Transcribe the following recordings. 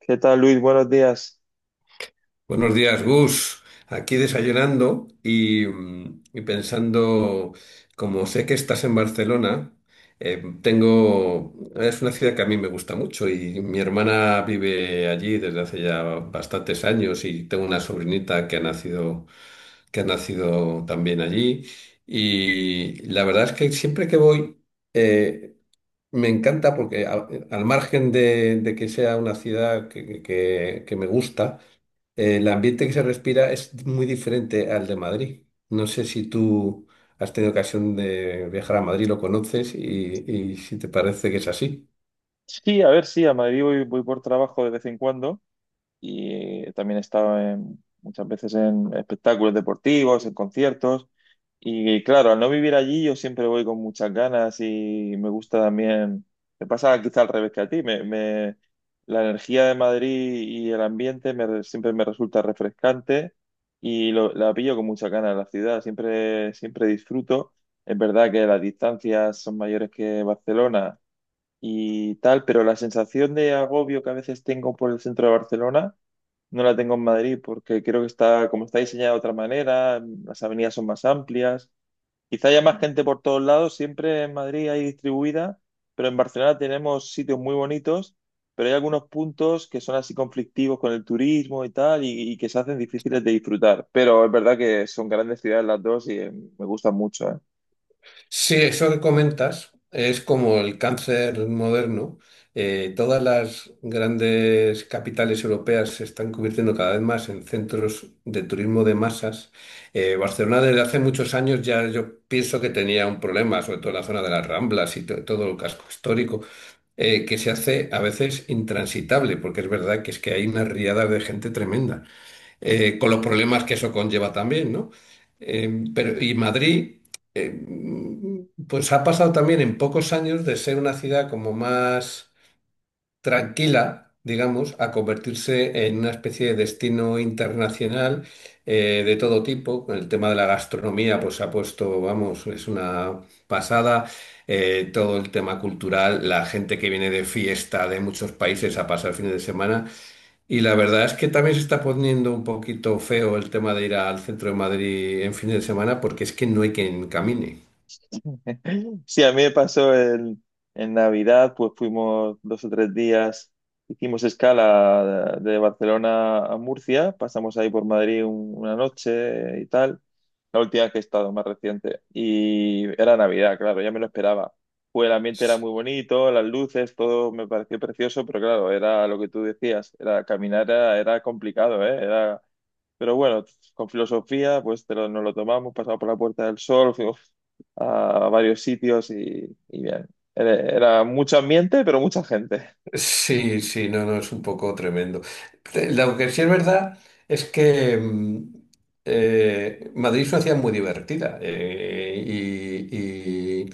¿Qué tal, Luis? Buenos días. Buenos días, Gus. Aquí desayunando y, y pensando, como sé que estás en Barcelona, tengo, es una ciudad que a mí me gusta mucho y mi hermana vive allí desde hace ya bastantes años y tengo una sobrinita que ha nacido también allí. Y la verdad es que siempre que voy, eh, me encanta porque al margen de que sea una ciudad que me gusta, el ambiente que se respira es muy diferente al de Madrid. No sé si tú has tenido ocasión de viajar a Madrid, lo conoces y si te parece que es así. Sí, a ver, sí, a Madrid voy, voy por trabajo de vez en cuando y también he estado muchas veces en espectáculos deportivos, en conciertos y claro, al no vivir allí yo siempre voy con muchas ganas y me gusta también, me pasa quizá al revés que a ti, la energía de Madrid y el ambiente siempre me resulta refrescante y la pillo con muchas ganas la ciudad, siempre, siempre disfruto. Es verdad que las distancias son mayores que Barcelona y tal, pero la sensación de agobio que a veces tengo por el centro de Barcelona no la tengo en Madrid porque creo que está, como está diseñada de otra manera, las avenidas son más amplias, quizá haya más gente por todos lados, siempre en Madrid hay distribuida, pero en Barcelona tenemos sitios muy bonitos, pero hay algunos puntos que son así conflictivos con el turismo y tal y que se hacen difíciles de disfrutar, pero es verdad que son grandes ciudades las dos y me gustan mucho, ¿eh? Sí, eso que comentas es como el cáncer moderno. Todas las grandes capitales europeas se están convirtiendo cada vez más en centros de turismo de masas. Barcelona desde hace muchos años ya yo pienso que tenía un problema, sobre todo en la zona de las Ramblas y todo el casco histórico. Que se hace a veces intransitable, porque es verdad que es que hay unas riadas de gente tremenda, con los problemas que eso conlleva también, ¿no? Pero, y Madrid, eh, pues ha pasado también en pocos años de ser una ciudad como más tranquila, digamos, a convertirse en una especie de destino internacional de todo tipo. El tema de la gastronomía, pues se ha puesto, vamos, es una pasada. Todo el tema cultural, la gente que viene de fiesta de muchos países a pasar fines de semana. Y la verdad es que también se está poniendo un poquito feo el tema de ir al centro de Madrid en fines de semana porque es que no hay quien camine. Sí, a mí me pasó en Navidad, pues fuimos dos o tres días, hicimos escala de Barcelona a Murcia, pasamos ahí por Madrid una noche y tal, la última que he estado, más reciente, y era Navidad, claro, ya me lo esperaba. Pues el ambiente era muy bonito, las luces, todo me pareció precioso, pero claro, era lo que tú decías, era caminar era, era complicado, ¿eh? Era, pero bueno, con filosofía, pues nos lo tomamos, pasamos por la Puerta del Sol, a varios sitios y bien. Era, era mucho ambiente, pero mucha gente. Sí, sí, no, no, es un poco tremendo. Lo que sí es verdad es que Madrid es una ciudad muy divertida y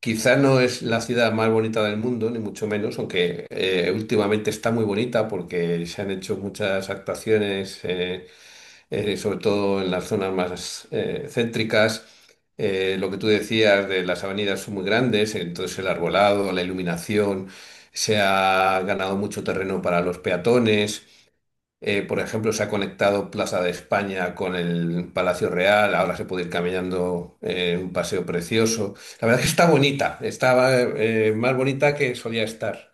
quizá no es la ciudad más bonita del mundo, ni mucho menos, aunque últimamente está muy bonita porque se han hecho muchas actuaciones. Sobre todo en las zonas más céntricas. Lo que tú decías de las avenidas son muy grandes, entonces el arbolado, la iluminación, se ha ganado mucho terreno para los peatones. Por ejemplo, se ha conectado Plaza de España con el Palacio Real, ahora se puede ir caminando un paseo precioso. La verdad es que está bonita, está más bonita que solía estar.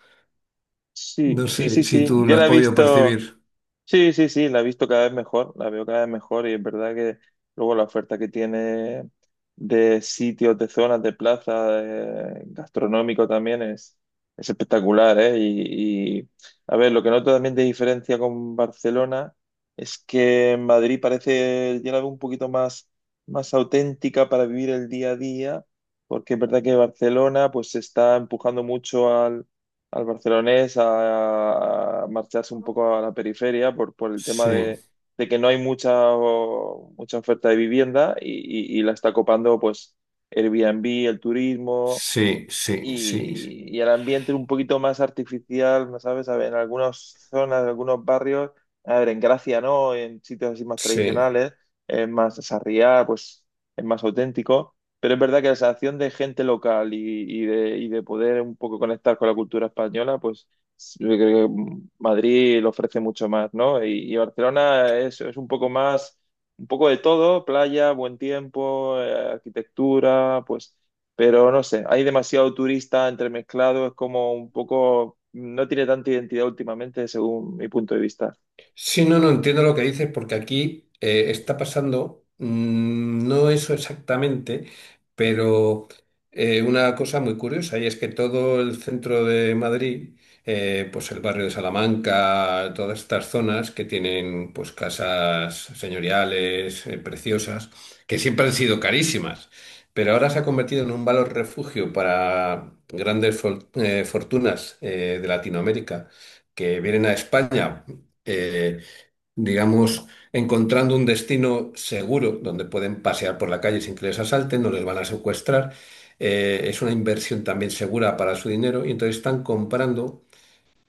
Sí, No sí, sé sí, si sí. tú lo Yo has la he podido visto. percibir. Sí, sí, sí, la he visto cada vez mejor, la veo cada vez mejor y es verdad que luego la oferta que tiene de sitios, de zonas, de plaza, gastronómico también es espectacular, ¿eh? A ver, lo que noto también de diferencia con Barcelona es que en Madrid parece ya la veo un poquito más, más auténtica para vivir el día a día, porque es verdad que Barcelona pues se está empujando mucho al barcelonés a marcharse un poco a la periferia por el tema Sí, de que no hay mucha, mucha oferta de vivienda y y- la está copando pues Airbnb, el turismo sí, sí, sí, y el ambiente un poquito más artificial, ¿no sabes? A ver, en algunas zonas, en algunos barrios, a ver, en Gracia no, en sitios así más sí. tradicionales, es más sarriá, pues es más auténtico, pero es verdad que la sensación de gente local y de poder un poco conectar con la cultura española, pues yo creo que Madrid lo ofrece mucho más, ¿no? Y Barcelona es un poco más, un poco de todo, playa, buen tiempo, arquitectura, pues... Pero no sé, hay demasiado turista entremezclado, es como un poco, no tiene tanta identidad últimamente, según mi punto de vista. Sí, no, no entiendo lo que dices, porque aquí está pasando, no eso exactamente, pero una cosa muy curiosa, y es que todo el centro de Madrid, pues el barrio de Salamanca, todas estas zonas que tienen pues casas señoriales, preciosas, que siempre han sido carísimas, pero ahora se ha convertido en un valor refugio para grandes fortunas de Latinoamérica que vienen a España eh, digamos, encontrando un destino seguro donde pueden pasear por la calle sin que les asalten, no les van a secuestrar. Es una inversión también segura para su dinero y entonces están comprando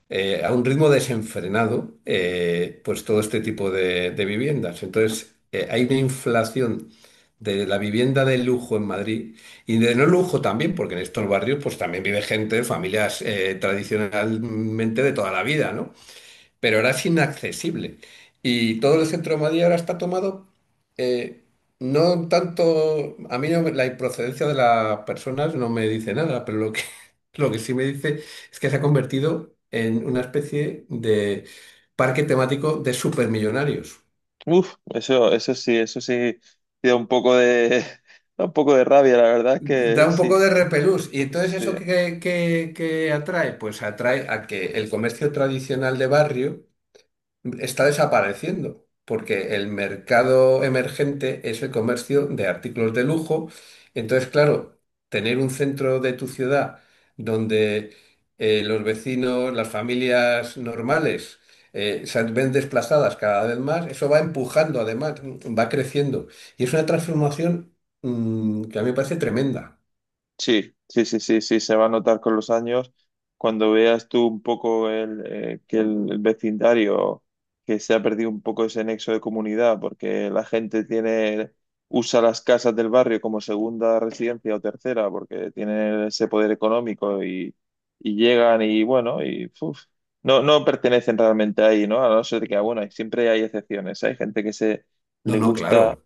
a un ritmo desenfrenado pues todo este tipo de viviendas. Entonces hay una inflación de la vivienda de lujo en Madrid y de no lujo también, porque en estos barrios pues también vive gente, familias tradicionalmente de toda la vida, ¿no? Pero ahora es inaccesible. Y todo el centro de Madrid ahora está tomado, eh, no tanto, a mí no la procedencia de las personas no me dice nada, pero lo que, lo que sí me dice es que se ha convertido en una especie de parque temático de supermillonarios. Uf, eso, eso sí, sí da un poco de, da un poco de rabia, la verdad es Da que un sí, poco de repelús. ¿Y entonces sí. eso qué, qué atrae? Pues atrae a que el comercio tradicional de barrio está desapareciendo, porque el mercado emergente es el comercio de artículos de lujo. Entonces, claro, tener un centro de tu ciudad donde los vecinos, las familias normales, se ven desplazadas cada vez más, eso va empujando, además, va creciendo. Y es una transformación que a mí me parece tremenda. Sí, sí, sí, sí, sí, se va a notar con los años. Cuando veas tú un poco el, que el vecindario, que se ha perdido un poco ese nexo de comunidad, porque la gente tiene, usa las casas del barrio como segunda residencia o tercera, porque tienen ese poder económico y llegan y bueno, y uf, no, no pertenecen realmente ahí, ¿no? A no ser que, ah, bueno, siempre hay excepciones. Hay gente que se No, le no, gusta claro.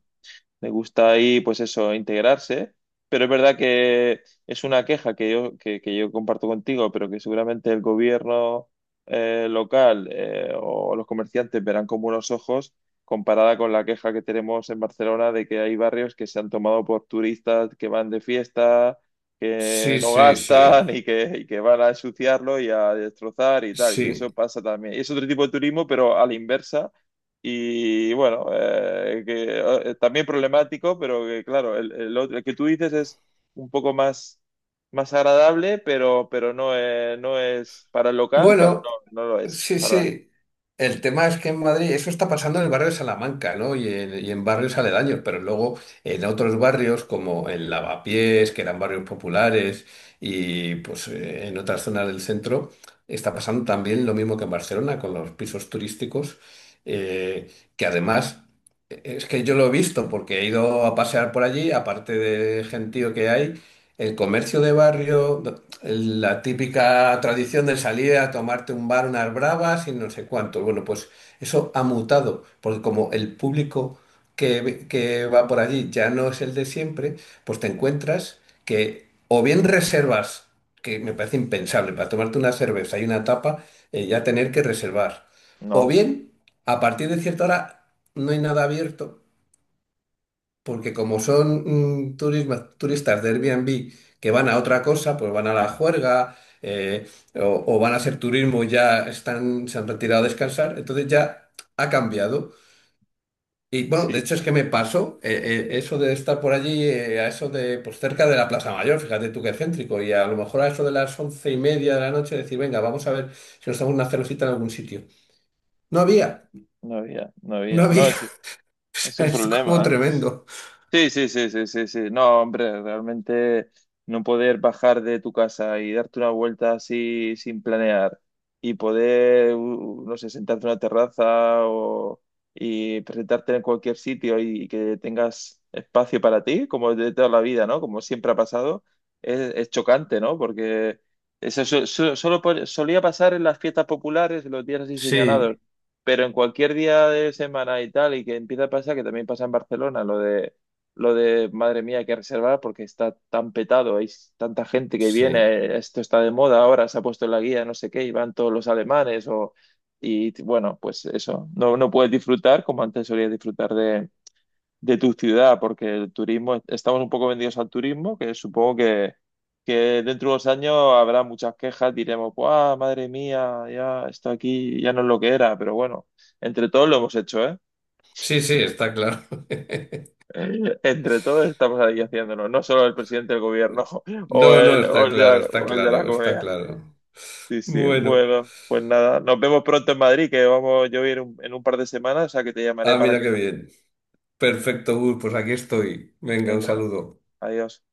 me gusta ahí, pues eso, integrarse, pero es verdad que es una queja que yo, que yo comparto contigo, pero que seguramente el gobierno local o los comerciantes verán con buenos ojos comparada con la queja que tenemos en Barcelona de que hay barrios que se han tomado por turistas que van de fiesta, que Sí, no sí, sí, gastan y que van a ensuciarlo y a destrozar y tal. Y sí. eso pasa también. Es otro tipo de turismo, pero a la inversa y bueno, también problemático, pero que claro, el, el que tú dices es un poco más, más agradable, pero no, no es para el local, para, Bueno, no, no lo es. sí, Para, sí. El tema es que en Madrid eso está pasando en el barrio de Salamanca, ¿no? Y en barrios aledaños, pero luego en otros barrios como en Lavapiés, que eran barrios populares, y pues en otras zonas del centro, está pasando también lo mismo que en Barcelona con los pisos turísticos, eh, que además es que yo lo he visto porque he ido a pasear por allí, aparte del gentío que hay, el comercio de barrio la típica tradición de salir a tomarte un bar, unas bravas y no sé cuánto. Bueno, pues eso ha mutado, porque como el público que, que va por allí ya no es el de siempre, pues te encuentras que o bien reservas, que me parece impensable, para tomarte una cerveza y una tapa, ya tener que reservar, o no, bien a partir de cierta hora no hay nada abierto porque como son turistas de Airbnb que van a otra cosa, pues van a la juerga o van a hacer turismo, ya están, se han retirado a descansar, entonces ya ha cambiado. Y bueno, de sí, hecho es que me pasó eso de estar por allí, a eso de, pues cerca de la Plaza Mayor, fíjate tú qué céntrico, y a lo mejor a eso de las 11:30 de la noche decir, venga, vamos a ver si nos damos una cervecita en algún sitio. No había, no había, no había. No, o es sea, un es como problema, ¿eh? tremendo. Sí, sí, sí, sí, sí, sí. No, hombre, realmente no poder bajar de tu casa y darte una vuelta así sin planear y poder, no sé, sentarte en una terraza o, y presentarte en cualquier sitio y que tengas espacio para ti, como de toda la vida, ¿no? Como siempre ha pasado, es chocante, ¿no? Porque eso solo solía pasar en las fiestas populares, en los días así señalados, Sí, pero en cualquier día de semana y tal, y que empieza a pasar, que también pasa en Barcelona, lo de, madre mía, hay que reservar porque está tan petado, hay tanta gente que sí. viene, esto está de moda ahora, se ha puesto en la guía, no sé qué, y van todos los alemanes, o, y bueno, pues eso, no, no puedes disfrutar como antes solías disfrutar de tu ciudad, porque el turismo, estamos un poco vendidos al turismo, que supongo que dentro de unos años habrá muchas quejas, diremos, ¡guau, madre mía, ya está aquí, ya no es lo que era! Pero bueno, entre todos lo hemos hecho, ¿eh? Sí, sí, está claro. Entre todos estamos ahí haciéndolo, no solo el presidente del gobierno No, no, o está el de la, claro, está o el de la claro, está comunidad. claro. Sí, sí, Bueno, bueno, pues nada, nos vemos pronto en Madrid, que vamos yo voy a ir en un par de semanas, o sea que te llamaré ah, para mira que qué bien. Perfecto, Gus, pues aquí estoy. Venga, un venga, saludo. adiós.